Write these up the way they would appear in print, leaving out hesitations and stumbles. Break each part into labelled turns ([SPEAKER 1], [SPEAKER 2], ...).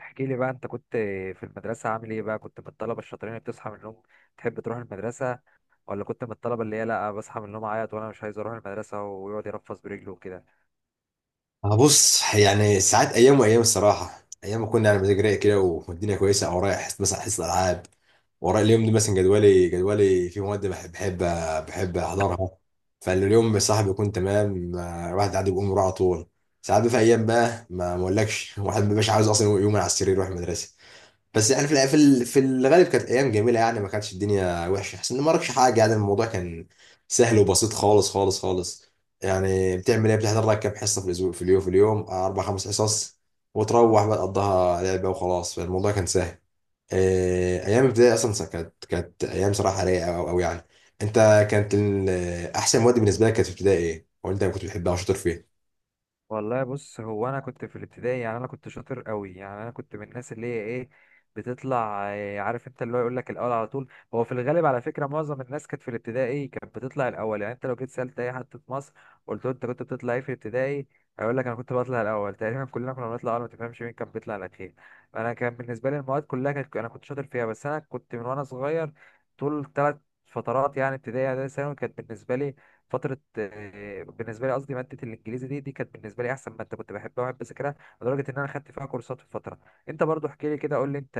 [SPEAKER 1] احكي لي بقى، انت كنت في المدرسة عامل ايه بقى؟ كنت من الطلبة الشاطرين اللي بتصحى من النوم تحب تروح المدرسة، ولا كنت من الطلبة اللي هي لا بصحى من النوم اعيط وانا مش عايز اروح المدرسة ويقعد يرفس برجله وكده؟
[SPEAKER 2] أنا بص، يعني ساعات، ايام وايام الصراحه. ايام ما كنا على مزاج رايق كده والدنيا كويسه، او رايح مثلا حصه العاب، ورايا اليوم ده مثلا، جدولي فيه مواد بحب احضرها. فاليوم بصراحه بيكون تمام، الواحد قاعد بيقوم يروح على طول. ساعات بقى في ايام بقى ما اقولكش الواحد ما بيبقاش عاوز اصلا يوم على السرير يروح المدرسه. بس يعني في الغالب كانت ايام جميله، يعني ما كانتش الدنيا وحشه، احسن ان ما وراكش حاجه، يعني الموضوع كان سهل وبسيط خالص خالص خالص. يعني بتعمل ايه؟ بتحضر لك كام حصه في الاسبوع؟ في اليوم اربع خمس حصص، وتروح بقى تقضيها لعبه وخلاص، فالموضوع كان سهل. ايام الابتدائي اصلا كانت ايام صراحه رايقه أوي أوي يعني. انت، كانت ال- احسن مواد بالنسبه لك كانت في ابتدائي ايه؟ وانت كنت بتحبها وشاطر فيها؟
[SPEAKER 1] والله بص، هو انا كنت في الابتدائي، يعني انا كنت شاطر قوي، يعني انا كنت من الناس اللي هي ايه بتطلع إيه، عارف انت اللي هو يقول لك الاول على طول. هو في الغالب على فكره معظم الناس كانت في الابتدائي كانت بتطلع الاول، يعني انت لو جيت سالت اي حد في مصر قلت له انت كنت بتطلع ايه في الابتدائي هيقول لك انا كنت بطلع الاول، تقريبا كلنا كنا بنطلع الاول، ما تفهمش مين كان بيطلع الاخير. انا كان بالنسبه لي المواد كلها كانت انا كنت شاطر فيها، بس انا كنت من وانا صغير طول ثلاث فترات، يعني ابتدائي اعدادي ثانوي، كانت بالنسبه لي فترة بالنسبة لي قصدي مادة الإنجليزي دي كانت بالنسبة لي أحسن مادة، كنت بحبها وأحب أذاكرها، لدرجة إن أنا خدت فيها كورسات في فترة. أنت برضو احكي لي كده، قول لي أنت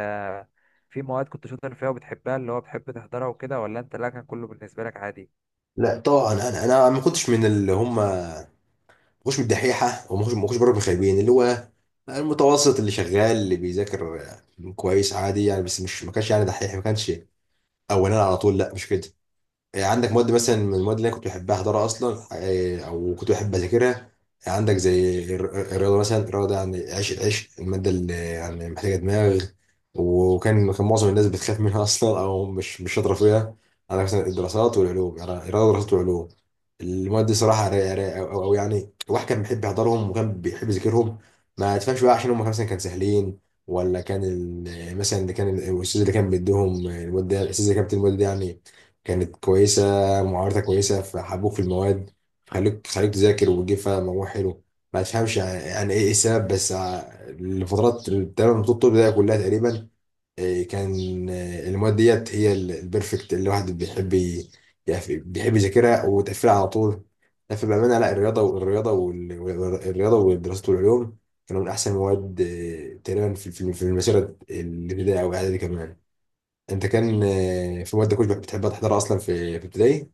[SPEAKER 1] في مواد كنت شاطر فيها وبتحبها اللي هو بتحب تحضرها وكده، ولا أنت لا كان كله بالنسبة لك عادي؟
[SPEAKER 2] لا طبعا، انا ما كنتش من اللي هم مش من الدحيحه، وما مش ما كنتش بره من الخايبين، اللي هو المتوسط اللي شغال، اللي بيذاكر كويس عادي يعني. بس مش ما كانش يعني دحيح، ما كانش اولاني على طول، لا مش كده. يعني عندك مواد مثلا من المواد اللي انا كنت بحبها احضرها اصلا، او كنت بحب اذاكرها. يعني عندك زي الرياضه مثلا، الرياضه ده يعني، عيش الماده اللي يعني محتاجه دماغ، وكان معظم الناس بتخاف منها اصلا، او مش شاطره فيها. على مثلا الدراسات والعلوم، يعني الرياضه والدراسات والعلوم، المواد دي صراحه رايقه رايقه، او يعني الواحد كان بيحب يحضرهم وكان بيحب يذاكرهم. ما تفهمش بقى، عشان هم مثلا كانوا سهلين، ولا كان مثلا اللي كان الاستاذ، اللي كان بيديهم المواد ده، الاستاذ اللي كان بيدي المواد دي يعني كانت كويسة، معارضتها كويسة فحبوك في المواد، خلوك تذاكر وتجيب فيها مجموع حلو. ما تفهمش يعني ايه السبب، بس الفترات تقريبا طول الطب ده كلها تقريبا، كان، المواد ديت هي البرفكت اللي الواحد بيحب بيحب يذاكرها وتقفلها على طول. لا فبأمانة لا، الرياضة والرياضة والرياضة ودراسة العلوم كانوا من أحسن المواد، تقريبا في في المسيرة الابتدائية أو الإعدادي كمان. انت كان، في مواد كنت بتحبها تحضرها اصلا في ابتدائي؟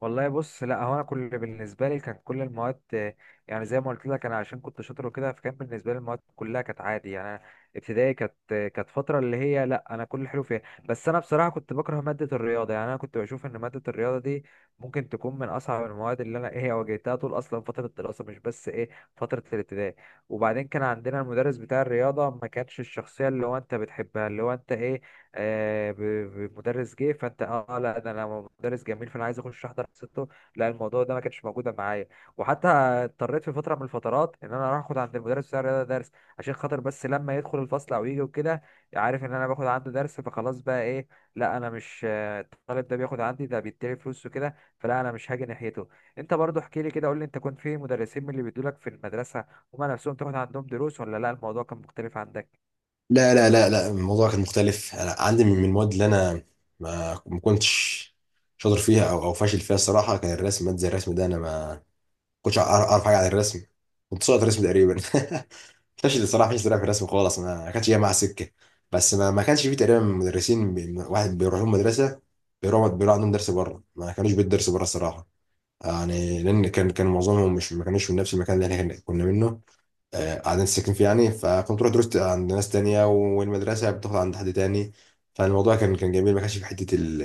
[SPEAKER 1] والله بص، لا هو انا كل بالنسبه لي كان كل المواد، يعني زي ما قلت لك، انا عشان كنت شاطر وكده فكان بالنسبه لي المواد كلها كانت عادي. يعني أنا ابتدائي كانت فتره اللي هي لا انا كل حلو فيها، بس انا بصراحه كنت بكره ماده الرياضه، يعني انا كنت بشوف ان ماده الرياضه دي ممكن تكون من اصعب المواد اللي انا ايه واجهتها طول اصلا فتره الدراسه، مش بس ايه فتره الابتدائي. وبعدين كان عندنا المدرس بتاع الرياضه، ما كانش الشخصيه اللي هو انت بتحبها، اللي هو انت ايه، آه، ب- مدرس جه فانت اه، لا ده انا مدرس جميل فانا عايز اخش احضر حصته. لا الموضوع ده ما كانش موجود معايا، وحتى اضطريت في فتره من الفترات ان انا اروح اخد عند المدرس بتاع الرياضه درس عشان خاطر بس لما يدخل الفصل او يجي وكده عارف ان انا باخد عنده درس فخلاص بقى ايه، لا انا مش، الطالب ده بياخد عندي ده بيديلي فلوس وكده فلا انا مش هاجي ناحيته. انت برضو احكي لي كده، قول لي انت كنت في مدرسين من اللي بيدولك في المدرسه هما نفسهم تاخد عندهم دروس، ولا لا الموضوع كان مختلف عندك؟
[SPEAKER 2] لا لا لا لا، الموضوع كان مختلف. أنا عندي من المواد اللي انا ما كنتش شاطر فيها، او فاشل فيها الصراحه، كان الرسم، ماده زي الرسم ده انا ما كنتش اعرف حاجه عن الرسم. كنت ساقط رسم تقريبا، فاشل الصراحه، فاشل صراحة في الرسم خالص، ما كانتش جايه مع سكه. بس ما كانش فيه تقريبا مدرسين، واحد بيروح لهم مدرسه، بيروح عندهم درس بره. ما كانوش بيدرسوا بره الصراحه، يعني لان كان معظمهم مش، ما كانوش من نفس المكان اللي احنا كنا منه، قاعدين ساكن فيه يعني. فكنت رحت درست عند ناس تانية، والمدرسة بتاخد عند حد تاني، فالموضوع كان جميل. ما كانش في حتة ال...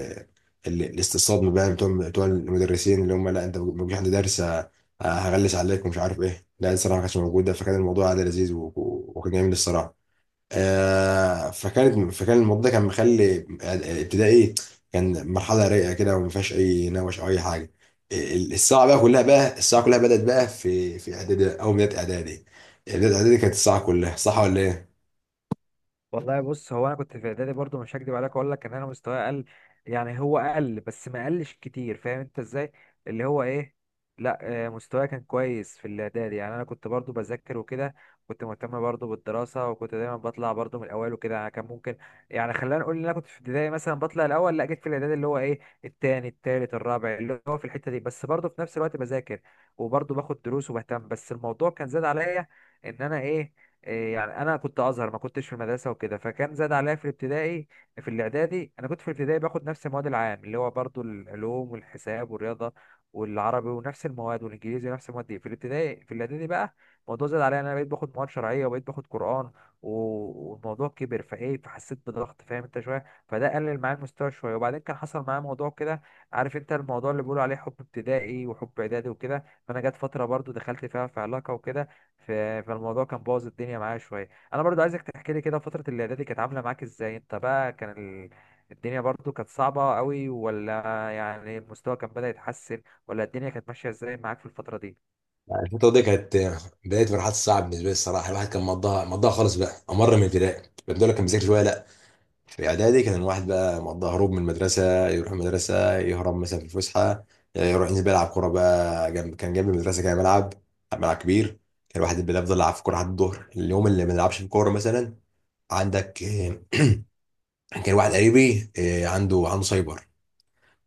[SPEAKER 2] ال... الاستصاد بقى بتوع المدرسين اللي هم لا انت ما تجيش عند درس، هغلس عليك ومش عارف ايه. لا الصراحة ما كانتش موجودة، فكان الموضوع عادي لذيذ، و... و- وكان جميل الصراحة. فكان الموضوع ده كان مخلي ابتدائي كان مرحله رايقه كده، وما فيهاش اي نوش او اي حاجه. الساعه بقى كلها بقى الساعه كلها بدات بقى في اعدادي، او بدايه اعدادي. بدايه اعدادي كانت الساعه كلها صح ولا ايه؟
[SPEAKER 1] والله بص، هو انا كنت في اعدادي برضو، مش هكدب عليك اقول لك ان انا مستواي اقل، يعني هو اقل بس ما قلش كتير، فاهم انت ازاي اللي هو ايه. لا مستواي كان كويس في الاعدادي، يعني انا كنت برضو بذاكر وكده، كنت مهتم برضو بالدراسه، وكنت دايما بطلع برضو من الاوائل وكده. يعني كان ممكن، يعني خلينا نقول ان انا كنت في ابتدائي مثلا بطلع الاول، لا جيت في الاعدادي اللي هو ايه التاني التالت الرابع، اللي هو في الحته دي، بس برضو في نفس الوقت بذاكر وبرضو باخد دروس وبهتم، بس الموضوع كان زاد عليا ان انا ايه يعني انا كنت ازهر، ما كنتش في المدرسه وكده، فكان زاد عليا. في الابتدائي في الاعدادي انا كنت في الابتدائي باخد نفس المواد العام اللي هو برضو العلوم والحساب والرياضه والعربي ونفس المواد والانجليزي ونفس المواد دي، في الابتدائي. في الاعدادي بقى الموضوع زاد عليا، انا بقيت باخد مواد شرعيه وبقيت باخد قران، والموضوع كبر فايه فحسيت بضغط فاهم انت شويه، فده قلل معايا المستوى شويه. وبعدين كان حصل معايا موضوع كده، عارف انت الموضوع اللي بيقولوا عليه حب ابتدائي وحب اعدادي وكده، فانا جت فتره برضو دخلت فيها في علاقه وكده، ف- فالموضوع كان بوظ الدنيا معايا شويه. انا برضو عايزك تحكي لي كده فتره الاعدادي كانت عامله معاك ازاي انت بقى، كان ال... الدنيا برضو كانت صعبه قوي، ولا يعني المستوى كان بدأ يتحسن، ولا الدنيا كانت ماشيه ازاي معاك في الفتره دي؟
[SPEAKER 2] يعني الفتره دي كانت بدايه مرحله الساعه بالنسبه لي الصراحه، الواحد كان مضاها خالص بقى. امر من ابتدائي بدات لك كان بيذاكر شويه، لا في اعدادي كان الواحد بقى مقضى هروب من المدرسه، يروح المدرسه يهرب مثلا في الفسحه، يروح ينزل بقى يلعب كوره بقى، جنب جنب المدرسه كان ملعب، كبير. كان الواحد بيفضل يلعب في كوره لحد الظهر. اليوم اللي ما يلعبش في كوره مثلا، عندك، كان واحد قريبي، عنده سايبر،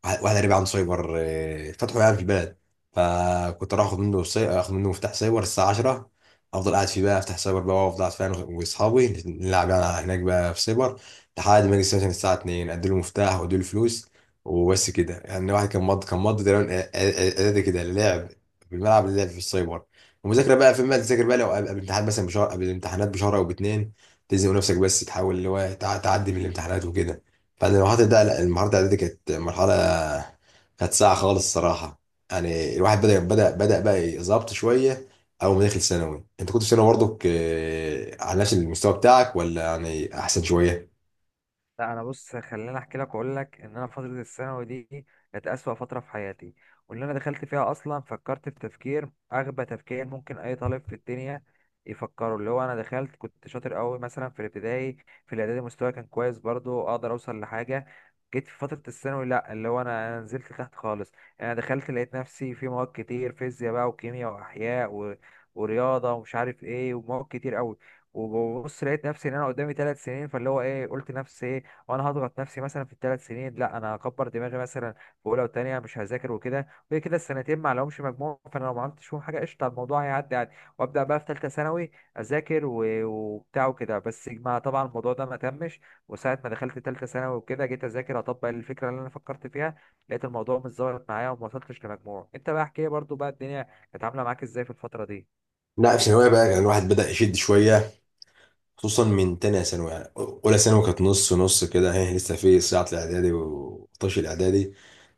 [SPEAKER 2] واحد قريب عنده سايبر، فتحه يعني في البلد. فكنت اروح اخد منه اخد منه مفتاح سايبر الساعه 10، افضل قاعد فيه بقى، افتح سايبر بقى وافضل قاعد فيه انا واصحابي نلعب يعني هناك بقى في سايبر، لحد ما اجي مثلا الساعه 2 ادي له مفتاح وادي له فلوس، وبس كده. يعني واحد كان مض كان مض تقريبا، كده، لعب في الملعب، اللعب في السايبر، ومذاكره بقى فين؟ بقى تذاكر بقى لو قبل الامتحان مثلا بشهر، قبل الامتحانات بشهر او باتنين، تلزم نفسك بس تحاول اللي هو تعدي من الامتحانات وكده. بعد المرحلة ده، لا المرحلة الإعدادية دي كانت مرحلة، كانت ساعة خالص الصراحة. يعني الواحد بدأ بقى يظبط شوية، أول ما دخل ثانوي. أنت كنت في ثانوي برضك، على نفس المستوى بتاعك، ولا يعني أحسن شوية؟
[SPEAKER 1] لا انا بص، خليني احكي لك واقول لك ان انا فتره الثانوي دي كانت اسوأ فتره في حياتي، وان انا دخلت فيها اصلا فكرت في تفكير اغبى تفكير ممكن اي طالب في الدنيا يفكره. اللي هو انا دخلت كنت شاطر قوي مثلا في الابتدائي، في الاعدادي مستواي كان كويس برضو اقدر اوصل لحاجه، جيت في فتره الثانوي لا اللي هو أنا نزلت تحت خالص. انا دخلت لقيت نفسي في مواد كتير، فيزياء بقى وكيمياء واحياء ورياضه ومش عارف ايه، ومواد كتير قوي، وببص لقيت نفسي ان انا قدامي 3 سنين، فاللي هو ايه قلت نفسي ايه، وانا هضغط نفسي مثلا في الثلاث سنين، لا انا هكبر دماغي مثلا في اولى وثانيه مش هذاكر وكده وكده كده، السنتين ما لهمش مجموع، فانا لو ما عملتش فيهم حاجه قشطه الموضوع هيعدي عادي، وابدا بقى في ثالثه ثانوي اذاكر وبتاع وكده. بس ما طبعا الموضوع ده ما تمش، وساعه ما دخلت ثالثه ثانوي وكده جيت اذاكر اطبق الفكره اللي انا فكرت فيها لقيت الموضوع مش ظابط معايا وما وصلتش لمجموع. انت بقى احكي لي برضو بقى، الدنيا كانت عامله معاك ازاي في الفتره دي؟
[SPEAKER 2] لا في ثانوية بقى كان الواحد بدأ يشد شوية، خصوصا من تانية ثانوي. يعني أولى ثانوي كانت نص نص كده، هي لسه في صياعة الإعدادي وطش الإعدادي.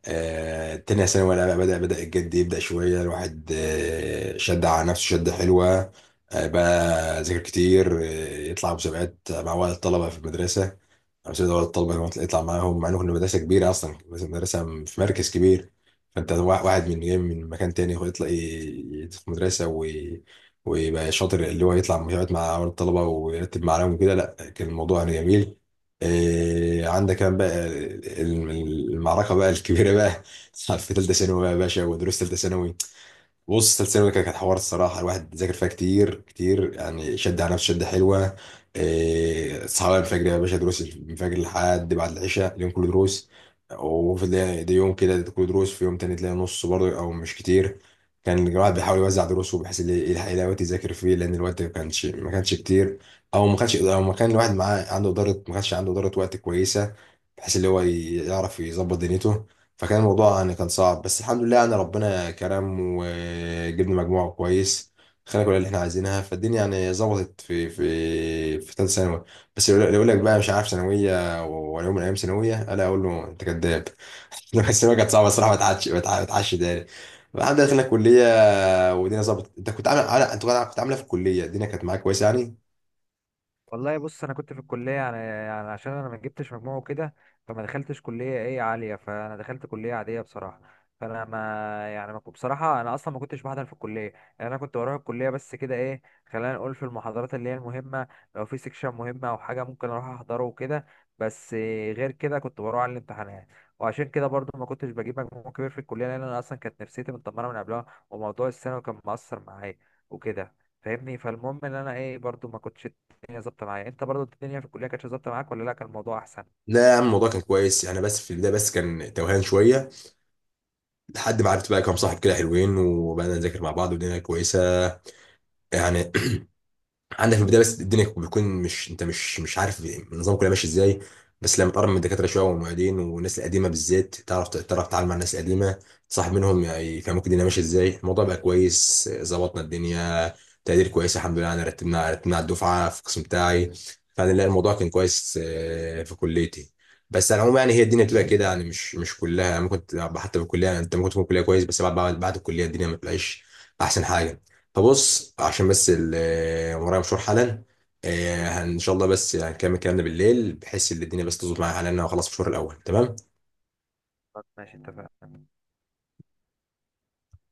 [SPEAKER 2] تانية ثانوي لا بدأ الجد يبدأ شوية، الواحد شد على نفسه شدة حلوة. بقى ذاكر كتير، يطلع مسابقات مع ولد الطلبة في المدرسة، أو سيد ولد الطلبة يطلع معاهم. مع إنه كنا مدرسة كبيرة أصلا، مدرسة في مركز كبير، فأنت واحد من جاي من مكان تاني هو يطلع يدخل مدرسة ويبقى شاطر، اللي هو يطلع يقعد مع الطلبه ويرتب معاهم وكده. لا كان الموضوع يعني جميل. عندك كمان بقى المعركه بقى الكبيره بقى في ثالثه ثانوي بقى يا باشا، ودروس ثالثه ثانوي. بص السلسلة الأولى كانت حوار الصراحة، الواحد ذاكر فيها كتير كتير يعني، شد على نفسه شدة حلوة. إيه، صحاب الفجر يا باشا، دروس الفجر لحد بعد العشاء، اليوم كله دروس. وفي ده يوم كده كله دروس، في يوم تاني تلاقي نص برضه، أو مش كتير. كان الواحد بيحاول يوزع دروسه بحيث إن يلحق يلاقي وقت يذاكر فيه، لأن الوقت ما كانش كتير. أو ما كان الواحد معاه عنده إدارة، ما كانش عنده إدارة وقت كويسة، بحيث اللي هو يعرف يظبط دنيته. فكان الموضوع يعني كان صعب، بس الحمد لله يعني ربنا كرم وجبنا مجموعة كويس، خلينا كل اللي احنا عايزينها فالدنيا. يعني ظبطت في في ثالثة ثانوي. بس اللي يقول لك بقى مش عارف ثانوية ولا يوم من أيام ثانوية، ألا أقول له أنت كذاب. بس الثانوية كانت صعبة الصراحة، ما تعادش، ما ما تعادش تاني. بعد دخلنا الكلية والدنيا ظبطت. أنت كنت عامل أنت كنت عاملة في الكلية، الدنيا كانت معاك كويسة يعني؟
[SPEAKER 1] والله بص، انا كنت في الكليه، يعني عشان انا ما جبتش مجموع وكده فما دخلتش كليه ايه عاليه، فانا دخلت كليه عاديه بصراحه. فانا ما يعني ما كنت- بصراحه انا اصلا ما كنتش بحضر في الكليه، يعني انا كنت بروح الكليه بس كده ايه، خلينا نقول في المحاضرات اللي هي المهمه، لو في سيكشن مهم او حاجه ممكن اروح احضره وكده، بس غير كده كنت بروح على الامتحانات. وعشان كده برضو ما كنتش بجيب مجموع كبير في الكليه، لان انا اصلا كانت نفسيتي متدمره من قبلها وموضوع الثانوي كان مأثر معايا وكده، فاهمني. فالمهم ان انا ايه برضو ما كنتش الدنيا ظابطه معايا. انت برضو الدنيا في الكليه كانت ظابطه معاك، ولا لا كان الموضوع احسن؟
[SPEAKER 2] لا يا عم الموضوع كان كويس يعني، بس في البداية بس كان توهان شوية، لحد ما عرفت بقى كام صاحب كده حلوين، وبقينا نذاكر مع بعض والدنيا كويسة يعني. عندك في البدايه بس الدنيا بتكون، مش، انت مش عارف النظام كله ماشي ازاي. بس لما تقرب من الدكاتره شويه والمعيدين والناس القديمه بالذات، تعرف تتعامل مع الناس القديمه، تصاحب منهم يعني يفهموك الدنيا ماشيه ازاي، الموضوع بقى كويس، ظبطنا الدنيا، تقدير كويس الحمد لله. انا رتبنا على الدفعه في القسم بتاعي، فانا لا الموضوع كان كويس، في كليتي. بس على العموم يعني هي الدنيا بتبقى كده يعني، مش كلها يعني. ممكن تبقى حتى في الكليه يعني، انت ممكن تكون كليه كويس، بس بعد بعد الكليه الدنيا ما بتبقاش احسن حاجه. طب بص، عشان بس ورايا مشوار حالا. ان شاء الله بس هنكمل كلامنا بالليل، بحيث ان الدنيا بس تظبط معايا حالا. انا هخلص مشوار الاول، تمام.
[SPEAKER 1] ماشي، اتفقنا.